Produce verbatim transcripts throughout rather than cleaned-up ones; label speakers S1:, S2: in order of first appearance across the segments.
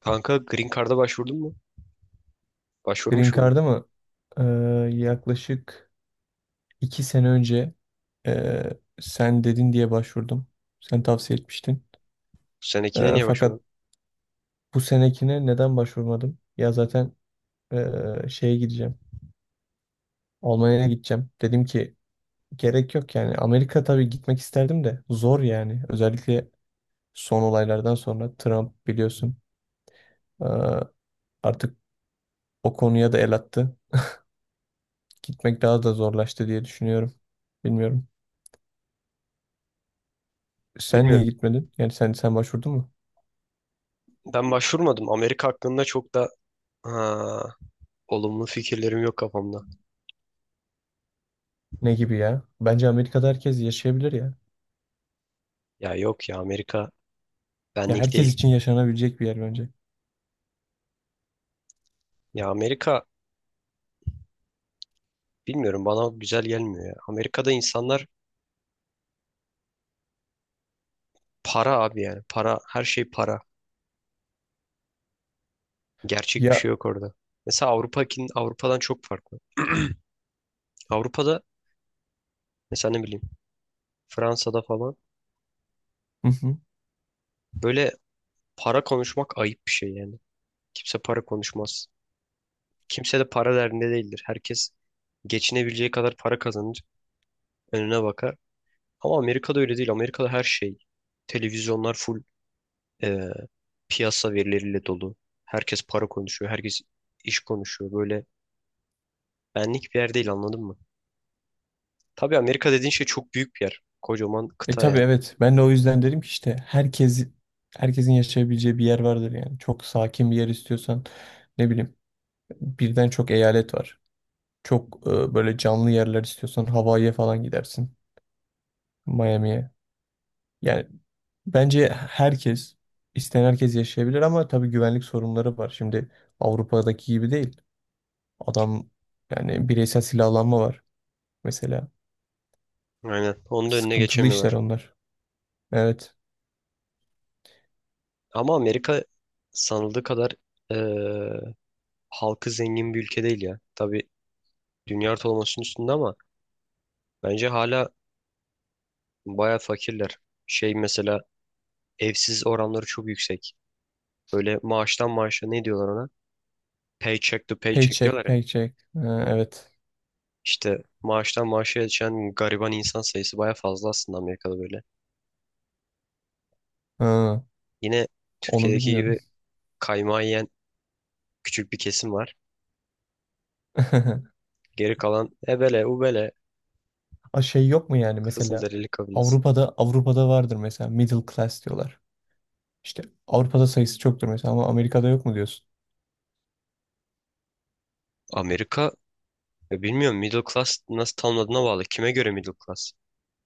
S1: Kanka Green Card'a başvurdun mu?
S2: Green
S1: Başvurmuş muydun?
S2: Card'a mı? Ee, Yaklaşık iki sene önce ee, sen dedin diye başvurdum. Sen tavsiye etmiştin.
S1: Bu senekine
S2: Ee,
S1: niye
S2: fakat
S1: başvurmadın?
S2: bu senekine neden başvurmadım? Ya zaten ee, şeye gideceğim. Almanya'ya gideceğim. Dedim ki gerek yok yani. Amerika tabii gitmek isterdim de zor yani. Özellikle son olaylardan sonra Trump biliyorsun, ee, artık o konuya da el attı. Gitmek daha da zorlaştı diye düşünüyorum. Bilmiyorum. Sen
S1: Bilmiyorum.
S2: niye gitmedin? Yani sen sen başvurdun mu?
S1: Ben başvurmadım. Amerika hakkında çok da ha, olumlu fikirlerim yok kafamda.
S2: Ne gibi ya? Bence Amerika'da herkes yaşayabilir ya.
S1: Ya yok ya Amerika
S2: Ya
S1: benlik
S2: herkes
S1: değil.
S2: için yaşanabilecek bir yer bence.
S1: Ya Amerika bilmiyorum bana güzel gelmiyor ya. Amerika'da insanlar para abi yani. Para her şey para. Gerçek bir şey
S2: Ya
S1: yok orada. Mesela Avrupa'kin Avrupa'dan çok farklı. Avrupa'da mesela ne bileyim Fransa'da falan
S2: hı hı.
S1: böyle para konuşmak ayıp bir şey yani. Kimse para konuşmaz. Kimse de para derdinde değildir. Herkes geçinebileceği kadar para kazanır, önüne bakar. Ama Amerika'da öyle değil. Amerika'da her şey, televizyonlar full e, piyasa verileriyle dolu. Herkes para konuşuyor, herkes iş konuşuyor. Böyle benlik bir yer değil anladın mı? Tabii Amerika dediğin şey çok büyük bir yer. Kocaman
S2: E
S1: kıta
S2: tabii,
S1: yani.
S2: evet. Ben de o yüzden dedim ki işte herkes, herkesin yaşayabileceği bir yer vardır yani. Çok sakin bir yer istiyorsan ne bileyim, birden çok eyalet var. Çok e, böyle canlı yerler istiyorsan Hawaii'ye falan gidersin. Miami'ye. Yani bence herkes, isteyen herkes yaşayabilir, ama tabii güvenlik sorunları var. Şimdi Avrupa'daki gibi değil. Adam, yani bireysel silahlanma var mesela.
S1: Aynen. Onun da önüne
S2: Sıkıntılı işler
S1: geçemiyorlar.
S2: onlar. Evet.
S1: Ama Amerika sanıldığı kadar e, halkı zengin bir ülke değil ya. Tabii dünya ortalamasının üstünde ama bence hala baya fakirler. Şey mesela evsiz oranları çok yüksek. Böyle maaştan maaşa ne diyorlar ona? Paycheck to paycheck
S2: Paycheck,
S1: diyorlar ya.
S2: paycheck. Ha, evet.
S1: İşte maaştan maaşa geçen gariban insan sayısı baya fazla aslında Amerika'da böyle.
S2: Ha,
S1: Yine
S2: onu
S1: Türkiye'deki
S2: bilmiyordum.
S1: gibi kaymağı yiyen küçük bir kesim var. Geri kalan ebele ubele
S2: A şey yok mu yani mesela
S1: Kızılderili kabilesi.
S2: Avrupa'da Avrupa'da vardır mesela middle class diyorlar. İşte Avrupa'da sayısı çoktur mesela ama Amerika'da yok mu diyorsun?
S1: Amerika, ya bilmiyorum, middle class nasıl tanımladığına bağlı. Kime göre middle class?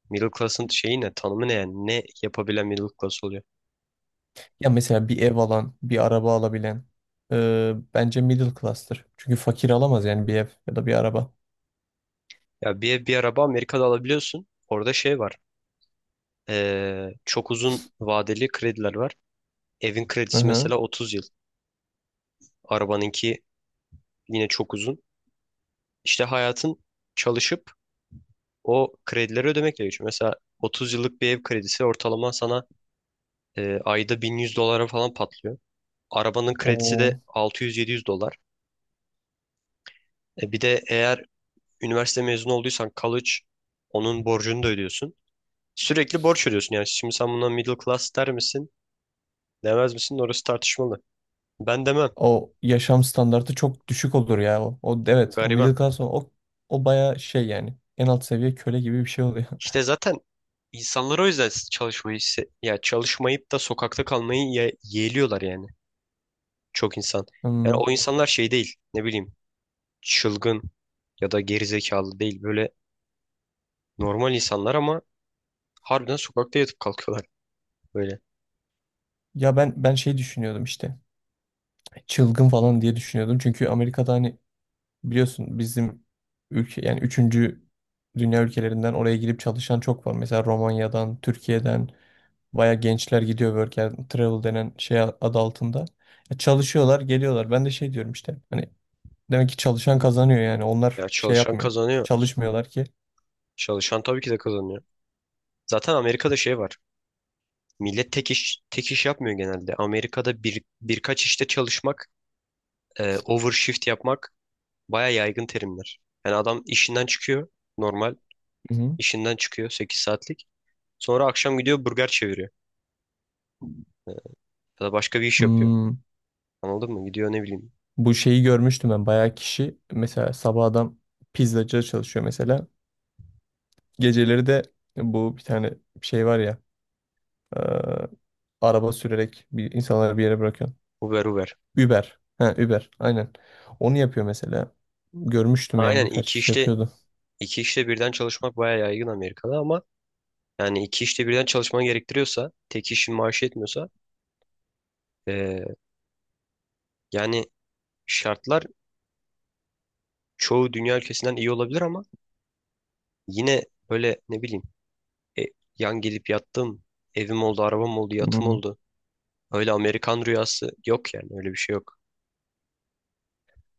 S1: Middle class'ın şeyi ne? Tanımı ne yani? Ne yapabilen middle class oluyor?
S2: Ya mesela bir ev alan, bir araba alabilen e, bence middle class'tır. Çünkü fakir alamaz yani bir ev ya da bir araba.
S1: Ya bir ev bir araba Amerika'da alabiliyorsun. Orada şey var. Ee, çok uzun vadeli krediler var. Evin
S2: Hı
S1: kredisi
S2: hı.
S1: mesela otuz yıl. Arabanınki yine çok uzun. İşte hayatın çalışıp o kredileri ödemekle geçiyor. Mesela otuz yıllık bir ev kredisi ortalama sana e, ayda bin yüz dolara falan patlıyor. Arabanın kredisi de
S2: O
S1: altı yüz yedi yüz dolar. E, bir de eğer üniversite mezunu olduysan college, onun borcunu da ödüyorsun. Sürekli borç ödüyorsun yani. Şimdi sen buna middle class der misin? Demez misin? Orası tartışmalı. Ben demem.
S2: o yaşam standartı çok düşük olur ya. O, o evet o
S1: Gariban.
S2: middle class o o, o baya şey yani en alt seviye köle gibi bir şey oluyor.
S1: İşte zaten insanlar o yüzden çalışmayı se- ya çalışmayıp da sokakta kalmayı ye yeğliyorlar yani, çok insan. Yani
S2: Hmm.
S1: o insanlar şey değil, ne bileyim, çılgın ya da gerizekalı değil, böyle normal insanlar ama harbiden sokakta yatıp kalkıyorlar böyle.
S2: Ya ben ben şey düşünüyordum işte. Çılgın falan diye düşünüyordum. Çünkü Amerika'da hani biliyorsun bizim ülke yani üçüncü dünya ülkelerinden oraya girip çalışan çok var. Mesela Romanya'dan, Türkiye'den baya gençler gidiyor work and travel denen şey adı altında. E, çalışıyorlar, geliyorlar. Ben de şey diyorum işte. Hani demek ki çalışan kazanıyor yani. Onlar
S1: Ya
S2: şey
S1: çalışan
S2: yapmıyor.
S1: kazanıyor.
S2: Çalışmıyorlar ki.
S1: Çalışan tabii ki de kazanıyor. Zaten Amerika'da şey var. Millet tek iş tek iş yapmıyor genelde. Amerika'da bir birkaç işte çalışmak, e, overshift yapmak baya yaygın terimler. Yani adam işinden çıkıyor normal,
S2: Hı hı.
S1: İşinden çıkıyor sekiz saatlik. Sonra akşam gidiyor burger çeviriyor. Ee, Ya da başka bir iş yapıyor.
S2: Hmm,
S1: Anladın mı? Gidiyor ne bileyim,
S2: bu şeyi görmüştüm ben. Bayağı kişi mesela sabah adam pizzacıda çalışıyor mesela. Geceleri de bu bir tane şey var ya. e, Araba sürerek bir insanları bir yere bırakıyor.
S1: Uber Uber.
S2: Uber. Ha, Uber. Aynen. Onu yapıyor mesela. Görmüştüm yani
S1: Aynen,
S2: birkaç
S1: iki
S2: kişi
S1: işte
S2: yapıyordu.
S1: iki işte birden çalışmak bayağı yaygın Amerika'da ama yani iki işte birden çalışman gerektiriyorsa, tek işin maaşı yetmiyorsa, ee, yani şartlar çoğu dünya ülkesinden iyi olabilir ama yine böyle ne bileyim, e, yan gelip yattım, evim oldu, arabam oldu, yatım oldu. Öyle Amerikan rüyası yok yani, öyle bir şey yok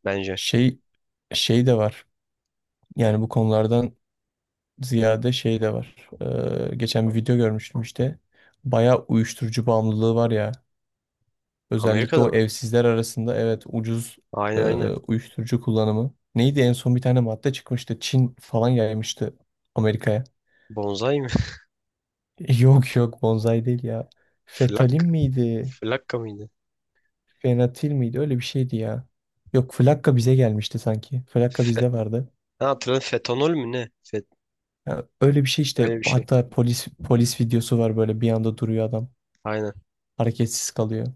S1: bence.
S2: Şey, şey de var. Yani bu konulardan ziyade şey de var. Ee, geçen bir video görmüştüm işte. Bayağı uyuşturucu bağımlılığı var ya. Özellikle
S1: Amerika'da
S2: o
S1: mı?
S2: evsizler arasında, evet, ucuz e,
S1: Aynen, aynen.
S2: uyuşturucu kullanımı. Neydi en son bir tane madde çıkmıştı. Çin falan yaymıştı Amerika'ya.
S1: Bonzai.
S2: Yok yok, bonsai değil ya. Fetalin
S1: Flak,
S2: miydi?
S1: flakka mıydı?
S2: Fenatil miydi? Öyle bir şeydi ya. Yok, Flakka bize gelmişti sanki. Flakka
S1: Fe,
S2: bizde vardı.
S1: ha, hatırladım, fetanol mü ne? Fet,
S2: Ya öyle bir şey işte,
S1: öyle bir şey.
S2: hatta polis polis videosu var, böyle bir anda duruyor adam.
S1: Aynen.
S2: Hareketsiz kalıyor.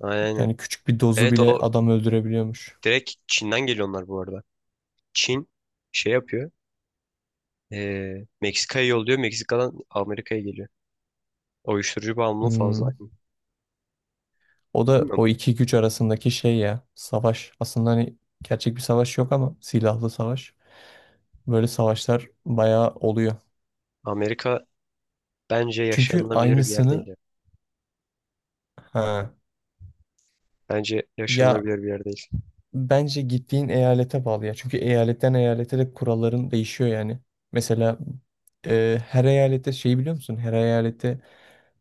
S1: Aynen, aynen.
S2: Yani küçük bir dozu
S1: Evet,
S2: bile
S1: o
S2: adam öldürebiliyormuş.
S1: direkt Çin'den geliyor onlar, bu arada. Çin şey yapıyor, eee, Meksika'ya yolluyor. Meksika'dan Amerika'ya geliyor. O uyuşturucu bağımlılığı fazla.
S2: Hmm. O da
S1: Bilmiyorum.
S2: o iki güç arasındaki şey ya, savaş. Aslında hani gerçek bir savaş yok ama silahlı savaş. Böyle savaşlar bayağı oluyor.
S1: Amerika bence
S2: Çünkü
S1: yaşanılabilir bir yer değil
S2: aynısını,
S1: ya.
S2: ha,
S1: Bence
S2: ya
S1: yaşanılabilir bir yer değil.
S2: bence gittiğin eyalete bağlı ya. Çünkü eyaletten eyalete de kuralların değişiyor yani. Mesela e, her eyalette şey biliyor musun? Her eyalette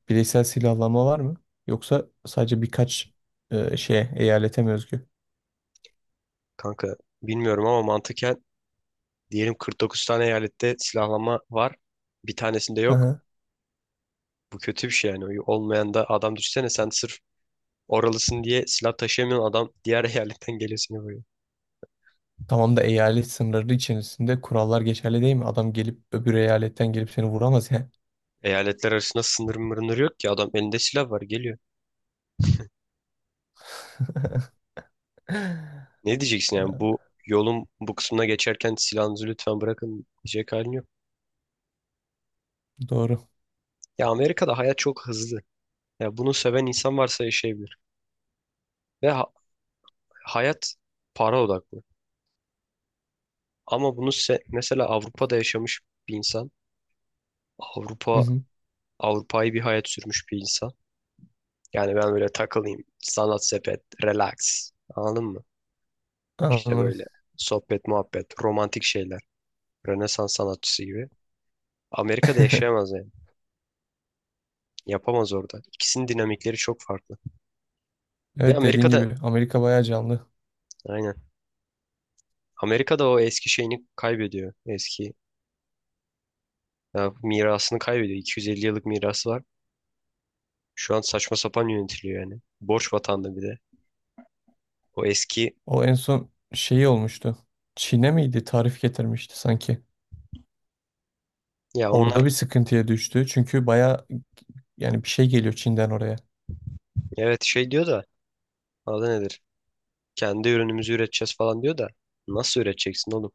S2: bireysel silahlanma var mı? Yoksa sadece birkaç e, şeye, eyalete mi özgü?
S1: Kanka bilmiyorum ama mantıken diyelim kırk dokuz tane eyalette silahlanma var. Bir tanesinde yok.
S2: Aha.
S1: Bu kötü bir şey yani. Olmayan da adam, düşsene sen, sırf oralısın diye silah taşıyamayan adam diğer eyaletten geliyor seni vuruyor.
S2: Tamam da eyalet sınırları içerisinde kurallar geçerli değil mi? Adam gelip öbür eyaletten gelip seni vuramaz ya.
S1: Eyaletler arasında sınır mırınır yok ki, adam elinde silah var geliyor. Ne diyeceksin yani,
S2: Ee,
S1: bu yolun bu kısmına geçerken silahınızı lütfen bırakın diyecek halin yok.
S2: Doğru.
S1: Ya Amerika'da hayat çok hızlı. Ya bunu seven insan varsa yaşayabilir. Ve ha- hayat para odaklı. Ama bunu se- mesela Avrupa'da yaşamış bir insan,
S2: Hı
S1: Avrupa
S2: hı.
S1: Avrupa'yı bir hayat sürmüş bir insan. Yani ben böyle takılayım, sanat sepet, relax. Anladın mı? İşte
S2: Anladım.
S1: böyle sohbet, muhabbet, romantik şeyler. Rönesans sanatçısı gibi. Amerika'da yaşayamaz yani. Yapamaz orada. İkisinin dinamikleri çok farklı. Ve
S2: Evet, dediğin
S1: Amerika'da,
S2: gibi Amerika bayağı canlı.
S1: aynen. Amerika'da o eski şeyini kaybediyor. Eski, ya, mirasını kaybediyor. iki yüz elli yıllık mirası var. Şu an saçma sapan yönetiliyor yani. Borç vatanda bir de. O eski,
S2: O en son şeyi olmuştu. Çin'e miydi? Tarif getirmişti sanki.
S1: ya onlar,
S2: Orada bir sıkıntıya düştü. Çünkü bayağı yani bir şey geliyor Çin'den oraya.
S1: evet, şey diyor da adı nedir? Kendi ürünümüzü üreteceğiz falan diyor da nasıl üreteceksin oğlum?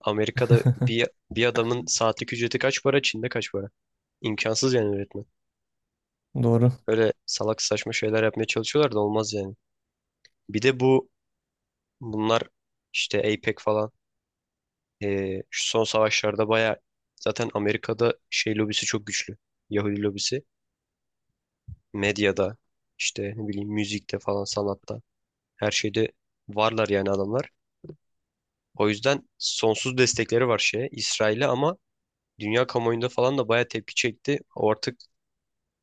S1: Amerika'da bir bir adamın saatlik ücreti kaç para? Çin'de kaç para? İmkansız yani öğretmen.
S2: Doğru.
S1: Öyle salak saçma şeyler yapmaya çalışıyorlar da olmaz yani. Bir de bu bunlar işte APEC falan, eee, şu son savaşlarda baya, zaten Amerika'da şey lobisi çok güçlü. Yahudi lobisi. Medyada işte ne bileyim, müzikte falan, sanatta, her şeyde varlar yani adamlar. O yüzden sonsuz destekleri var şeye, İsrail'e ama dünya kamuoyunda falan da baya tepki çekti. O artık,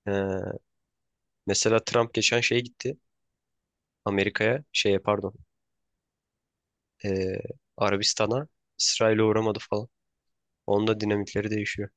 S1: eee, mesela Trump geçen şeye gitti. Amerika'ya, şeye pardon, e, Arabistan'a, İsrail'e uğramadı falan. Onun da dinamikleri değişiyor.